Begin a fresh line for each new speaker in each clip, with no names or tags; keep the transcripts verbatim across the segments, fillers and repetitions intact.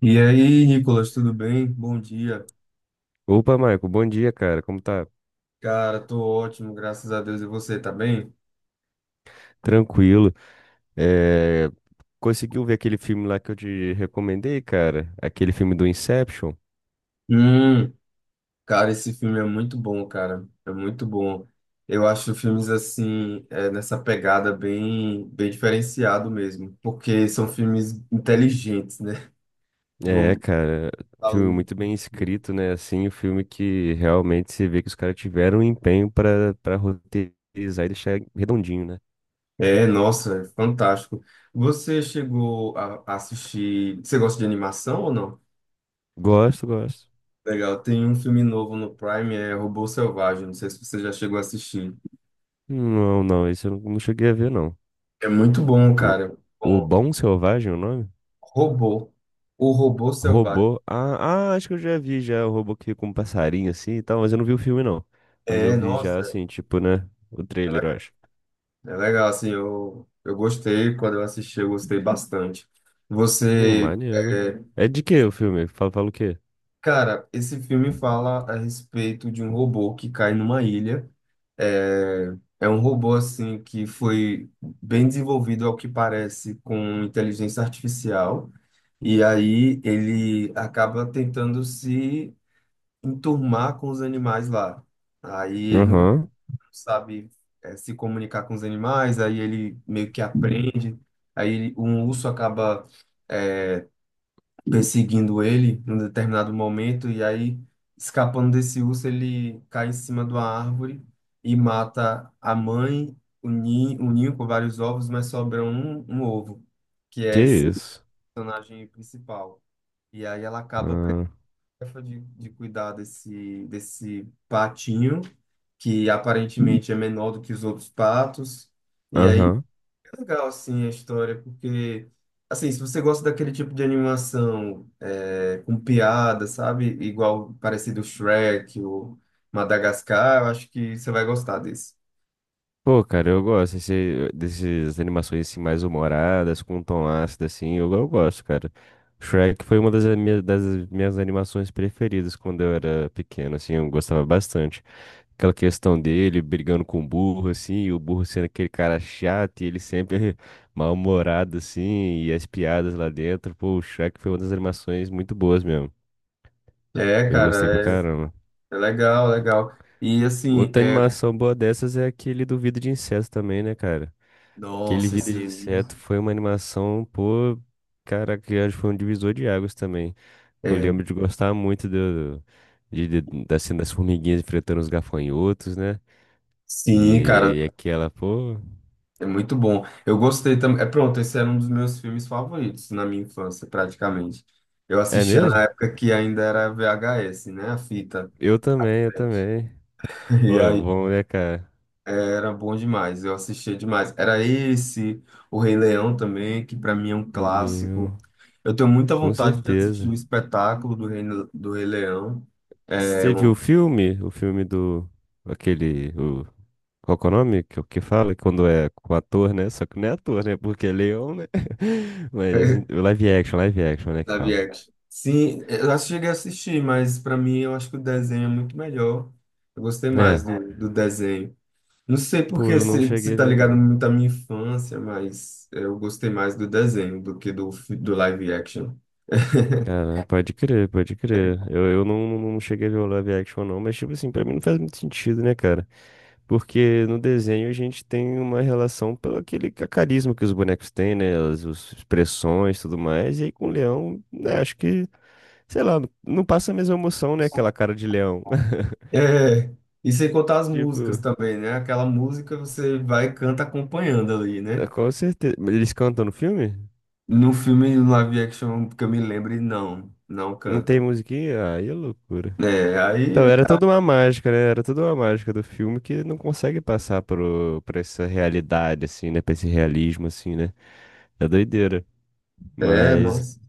E aí, Nicolas, tudo bem? Bom dia.
Opa, Marco, bom dia, cara. Como tá?
Cara, tô ótimo, graças a Deus. E você, tá bem?
Tranquilo. É, Conseguiu ver aquele filme lá que eu te recomendei, cara? Aquele filme do Inception?
Hum, cara, esse filme é muito bom, cara. É muito bom. Eu acho filmes assim, é, nessa pegada bem, bem diferenciado mesmo, porque são filmes inteligentes, né? Vão
É, cara, filme
além
muito bem
do
escrito, né? Assim, o filme que realmente se vê que os caras tiveram um empenho pra, pra roteirizar e deixar redondinho, né?
é, nossa, é fantástico. Você chegou a a assistir? Você gosta de animação ou não?
Gosto, gosto.
Legal, tem um filme novo no Prime, é Robô Selvagem. Não sei se você já chegou a assistir.
Não, não, esse eu não não cheguei a ver, não.
É muito bom,
O,
cara.
o
Bom,
Bom Selvagem, é o nome?
robô. O robô selvagem.
Robô. Ah, ah, acho que eu já vi já o robô que fica com um passarinho assim e tal, mas eu não vi o filme não. Mas eu
É,
vi já
nossa,
assim, tipo, né? O
é
trailer, eu
legal.
acho.
É legal, assim, eu, eu gostei quando eu assisti, eu gostei bastante.
Pô,
Você,
maneiro.
é,
É de que o filme? Fala, fala o quê?
cara, esse filme fala a respeito de um robô que cai numa ilha. É, é um robô, assim, que foi bem desenvolvido, ao que parece, com inteligência artificial. E aí ele acaba tentando se enturmar com os animais lá. Aí não
Aham.
sabe eh, se comunicar com os animais, aí ele meio que aprende. Aí ele- um urso acaba eh, perseguindo ele num determinado momento, e aí, escapando desse urso, ele cai em cima de uma árvore e mata a mãe, o ninho, o ninho com vários ovos, mas sobra um, um ovo, que
Que
é esse
isso?
personagem principal. E aí ela acaba
Ah,
tarefa de, de cuidar desse, desse patinho, que aparentemente é menor do que os outros patos. E aí
Aham.
é legal, assim, a história, porque, assim, se você gosta daquele tipo de animação é, com piada, sabe? Igual parecido Shrek ou Madagascar, eu acho que você vai gostar desse.
Pô, cara, eu gosto desse, dessas animações assim mais humoradas, com um tom ácido assim, eu, eu gosto, cara. Shrek foi uma das minhas, das minhas animações preferidas quando eu era pequeno, assim, eu gostava bastante. Aquela questão dele brigando com o burro, assim, e o burro sendo aquele cara chato, e ele sempre mal-humorado, assim, e as piadas lá dentro. Pô, o Shrek foi uma das animações muito boas mesmo.
É,
Eu gostei pra
cara, é,
caramba.
é legal, legal. E, assim,
Outra
é...
animação boa dessas é aquele do Vida de Inseto também, né, cara? Aquele
Nossa,
Vida
esse
de
aí...
Inseto foi uma animação, pô, cara, que acho que foi um divisor de águas também. Eu
É,
lembro de gostar muito do, de, de- da cena das formiguinhas enfrentando os gafanhotos, né?
sim, cara.
E, e aquela, pô.
É muito bom. Eu gostei também. É pronto, esse era um dos meus filmes favoritos na minha infância, praticamente. Eu
É
assistia na
mesmo?
época que ainda era V H S, né? A fita.
Eu também, eu também.
E
Pô, é
aí
bom, né, cara?
era bom demais, eu assistia demais. Era esse, O Rei Leão também, que pra mim é um clássico.
Elinho,
Eu tenho muita
com
vontade de assistir o
certeza.
espetáculo do Rei, do Rei Leão. É,
Você
um-
viu o filme? O filme do... Aquele... O... Qual que é o nome? Que, que fala quando é com ator, né? Só que não é ator, né? Porque é leão, né? Mas o live action, live action, né? Que
live
fala.
action. Sim, eu acho que cheguei a assistir, mas pra mim eu acho que o desenho é muito melhor. Eu gostei mais
É.
do, do desenho. Não sei
Pô,
porque
eu não
se,
cheguei
se
a
tá
ver,
ligado
não.
muito à minha infância, mas é, eu gostei mais do desenho do que do, fi- do live action.
Cara, pode crer, pode crer. Eu, eu não, não cheguei a ver o live action, não. Mas, tipo assim, pra mim não faz muito sentido, né, cara? Porque no desenho a gente tem uma relação pelo aquele ca- carisma que os bonecos têm, né? As, as expressões e tudo mais. E aí com o leão, né, acho que, sei lá, não passa a mesma emoção, né? Aquela cara de leão.
É, e sem contar as músicas
Tipo,
também, né? Aquela música você vai e canta acompanhando ali,
é,
né?
com certeza. Mas eles cantam no filme?
No filme, no live action, que eu me lembre, não, não
Não tem
canta.
musiquinha? Aí é loucura.
É, aí
Então, era
acaba.
toda uma mágica, né? Era toda uma mágica do filme que não consegue passar pro, pra essa realidade, assim, né? Pra esse realismo, assim, né? É doideira.
É,
Mas
nossa.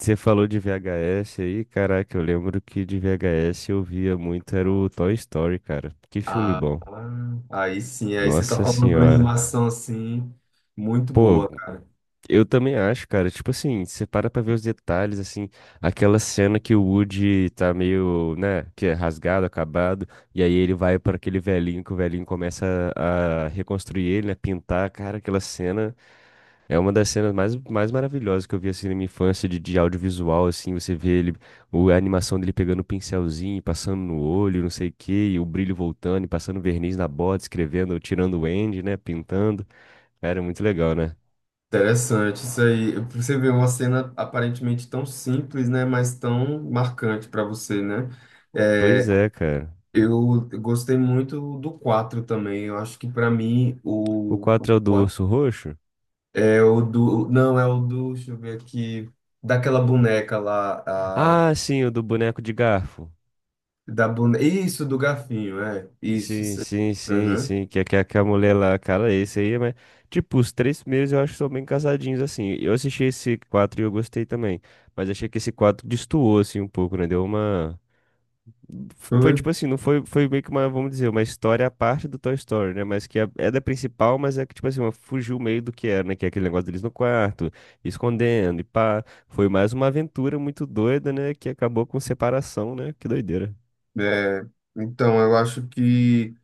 Você falou de V H S aí, caraca, eu lembro que de V H S eu via muito, era o Toy Story, cara. Que filme
Ah,
bom.
ah, aí sim, aí você tá
Nossa
falando de uma
senhora.
animação assim, muito
Pô,
boa, cara.
eu também acho, cara. Tipo assim, você para pra ver os detalhes, assim, aquela cena que o Woody tá meio, né, que é rasgado, acabado, e aí ele vai para aquele velhinho que o velhinho começa a a reconstruir ele, né, pintar, cara, aquela cena. É uma das cenas mais, mais maravilhosas que eu vi assim na minha infância de, de audiovisual, assim, você vê ele, o, a animação dele pegando o pincelzinho, e passando no olho, não sei o quê, e o brilho voltando, e passando verniz na bota, escrevendo, tirando o end, né, pintando. Era muito legal, né?
Interessante isso aí. Você vê uma cena aparentemente tão simples, né, mas tão marcante para você, né? É,
Pois é, cara.
eu gostei muito do quatro também. Eu acho que para mim
O
o o
quatro é o do
quatro
urso roxo?
é o do, não, é o do, deixa eu ver aqui, daquela boneca lá, a,
Ah, sim, o do boneco de garfo.
da boneca, isso do garfinho, é. Isso,
Sim,
isso. aí.
sim, sim,
Uhum.
sim, que, é que, que a mulher lá, cara, esse aí, mas, tipo, os três primeiros eu acho que são bem casadinhos, assim, eu assisti esse quatro e eu gostei também, mas achei que esse quatro destoou, assim, um pouco, né, deu uma, foi
Oi.
tipo assim, não foi, foi meio que uma, vamos dizer, uma história à parte do Toy Story, né, mas que é, é da principal, mas é que, tipo assim, uma, fugiu meio do que era, né, que é aquele negócio deles no quarto, escondendo, e pá, foi mais uma aventura muito doida, né, que acabou com separação, né, que doideira.
É, então eu acho que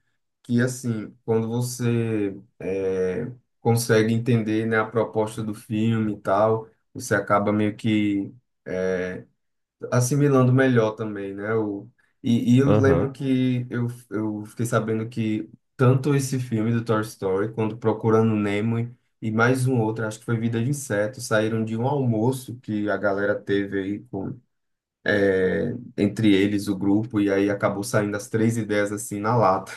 que assim, quando você é, consegue entender, né, a proposta do filme e tal, você acaba meio que é, assimilando melhor também, né? O, e, e eu lembro
Aham.
que eu, eu fiquei sabendo que tanto esse filme do Toy Story, quanto Procurando Nemo e e mais um outro, acho que foi Vida de Inseto, saíram de um almoço que a galera teve aí com, é, entre eles, o grupo, e aí acabou saindo as três ideias assim na lata.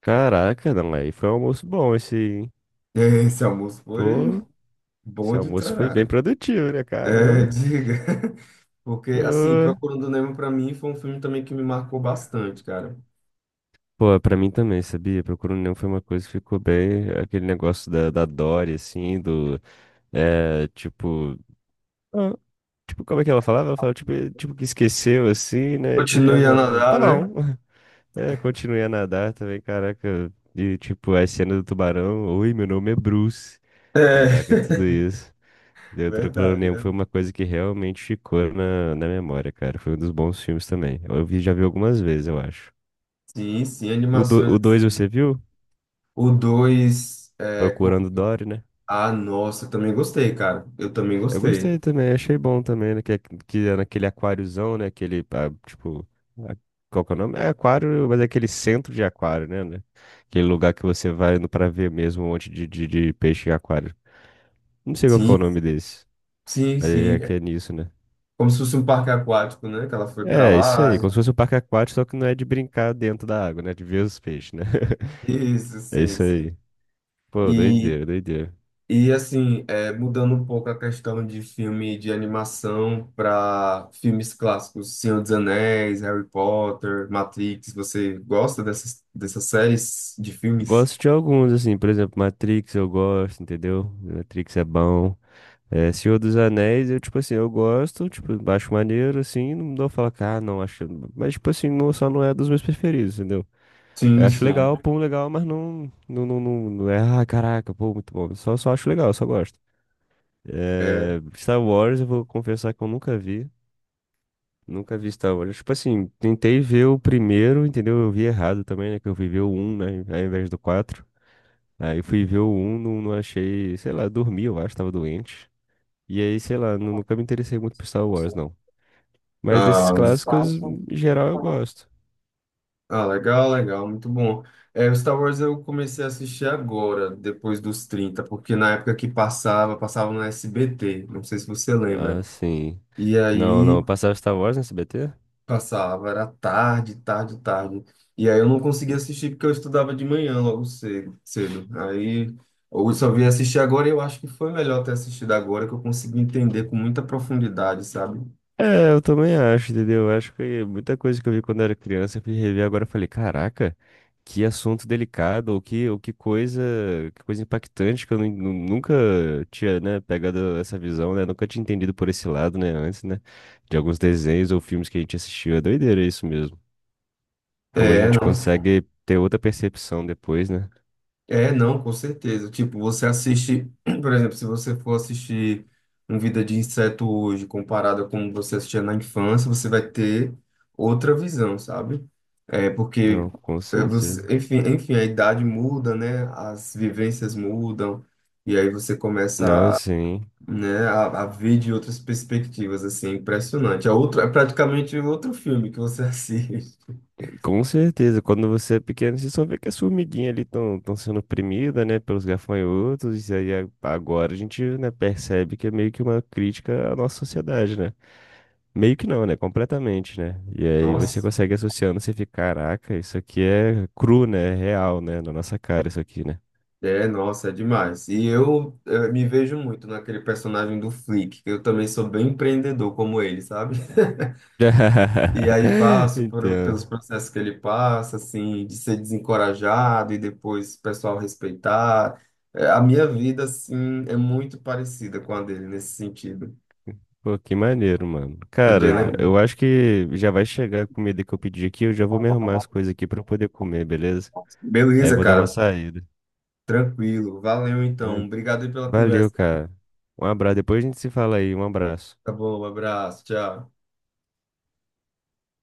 Caraca, não, aí foi um almoço bom esse, hein?
Esse almoço
Pô,
foi
esse
bom de
almoço foi bem
torar.
produtivo, né,
É,
caramba?
diga. Porque, assim,
Ô.
Procurando Nemo, pra mim, foi um filme também que me marcou bastante, cara.
Pô, pra mim também, sabia? Procura um Nemo foi uma coisa que ficou bem, aquele negócio da, da Dory, assim, do, é, tipo, ah, tipo, como é que ela falava? Ela falava, tipo, eh, tipo que esqueceu, assim, né, e
Continue a
ficava, tá
nadar, né?
bom, é, continuei a nadar também, caraca, e, tipo, a cena do tubarão, oi, meu nome é Bruce,
É,
caraca, tudo isso.
verdade,
Neutroclone
né?
foi uma coisa que realmente ficou na, na memória, cara. Foi um dos bons filmes também. Eu vi, já vi algumas vezes, eu acho.
Sim, sim,
O do
animações.
o dois
Assim.
você viu?
O dois, é, com...
Procurando Dory, né?
Ah, nossa, eu também gostei, cara. Eu também
Eu
gostei.
gostei também, achei bom também, né? Que, é- que é naquele aquáriozão, né? Aquele, ah, tipo, a- qual que é o nome? É aquário, mas é aquele centro de aquário, né? Né? Aquele lugar que você vai indo pra ver mesmo um monte de, de, de peixe em aquário. Não sei qual que é
Sim,
o nome desse,
sim,
mas é
sim.
que
É
é nisso, né?
como se fosse um parque aquático, né? Que ela foi pra
É, isso
lá.
aí, como se fosse um parque aquático, só que não é de brincar dentro da água, né? De ver os peixes, né?
Isso,
É
sim,
isso
sim.
aí. Pô,
E,
doideira, doideira.
e assim, é, mudando um pouco a questão de filme de animação para filmes clássicos, Senhor dos Anéis, Harry Potter, Matrix, você gosta dessas, dessas séries de filmes?
Gosto de alguns, assim, por exemplo, Matrix eu gosto, entendeu? Matrix é bom. É, Senhor dos Anéis, eu, tipo assim, eu gosto, tipo, acho maneiro, assim, não dou falar, que, ah, não, acho. Mas, tipo assim, não, só não é dos meus preferidos, entendeu? Eu
Sim,
acho
sim.
legal, pum, legal, mas não, não, não, não, não é, ah, caraca, pô, muito bom. Só, só acho legal, só gosto.
É.
É, Star Wars, eu vou confessar que eu nunca vi. Nunca vi Star Wars. Tipo assim, tentei ver o primeiro, entendeu? Eu vi errado também, né? Que eu fui ver o um, né? Ao invés do quatro. Aí fui ver o um, não, não achei, sei lá, dormi, eu acho, tava doente. E aí, sei lá, nu- nunca me interessei muito por Star Wars, não. Mas desses
Ah,
clássicos, em geral, eu gosto.
ah, legal, legal, muito bom. É, o Star Wars eu comecei a assistir agora, depois dos trinta porque na época que passava, passava no S B T, não sei se você lembra.
Ah, sim.
E
Não,
aí
não, passava Star Wars no S B T?
passava, era tarde, tarde, tarde. E aí eu não conseguia assistir porque eu estudava de manhã logo cedo, cedo. Aí eu só vim assistir agora e eu acho que foi melhor ter assistido agora que eu consegui entender com muita profundidade, sabe?
É, eu também acho, entendeu? Eu acho que muita coisa que eu vi quando eu era criança, eu fui rever agora e falei, caraca, que assunto delicado, ou que, ou que coisa, que coisa impactante que eu nu- nu- nunca tinha, né, pegado essa visão, né? Nunca tinha entendido por esse lado, né, antes, né? De alguns desenhos ou filmes que a gente assistiu. É doideira isso mesmo. Como a
É,
gente
não.
consegue ter outra percepção depois, né?
É, não, com certeza. Tipo, você assiste, por exemplo, se você for assistir um Vida de Inseto hoje, comparado a como você assistia na infância, você vai ter outra visão, sabe? É, porque,
Não, com
é, você,
certeza.
enfim, enfim, a idade muda, né? As vivências mudam, e aí você
Não,
começa, a,
sim.
né, a, a ver de outras perspectivas, assim, é impressionante. É outro, é praticamente outro filme que você assiste.
Com certeza, quando você é pequeno, você só vê que as formiguinhas ali estão sendo oprimidas, né, pelos gafanhotos, e aí a- agora a gente, né, percebe que é meio que uma crítica à nossa sociedade, né? Meio que não, né? Completamente, né? E aí você
Nossa.
consegue associando, você fica, caraca, isso aqui é cru, né? É real, né? Na nossa cara, isso aqui, né?
É, nossa, é demais. E eu, eh, me vejo muito naquele personagem do Flick, que eu também sou bem empreendedor como ele, sabe? E aí passo por-
Então,
pelos processos que ele passa, assim, de ser desencorajado e depois o pessoal respeitar. Eh, a minha vida, assim, é muito parecida com a dele nesse sentido.
pô, que maneiro, mano.
É bem
Cara,
legal.
eu acho que já vai chegar a comida que eu pedi aqui, eu já vou me arrumar as coisas aqui pra eu poder comer, beleza? Aí eu
Beleza,
vou dar uma
cara.
saída.
Tranquilo. Valeu, então.
Pra-
Obrigado aí pela
Valeu,
conversa.
cara. Um abraço. Depois a gente se fala aí. Um abraço.
Tá bom, um abraço. Tchau.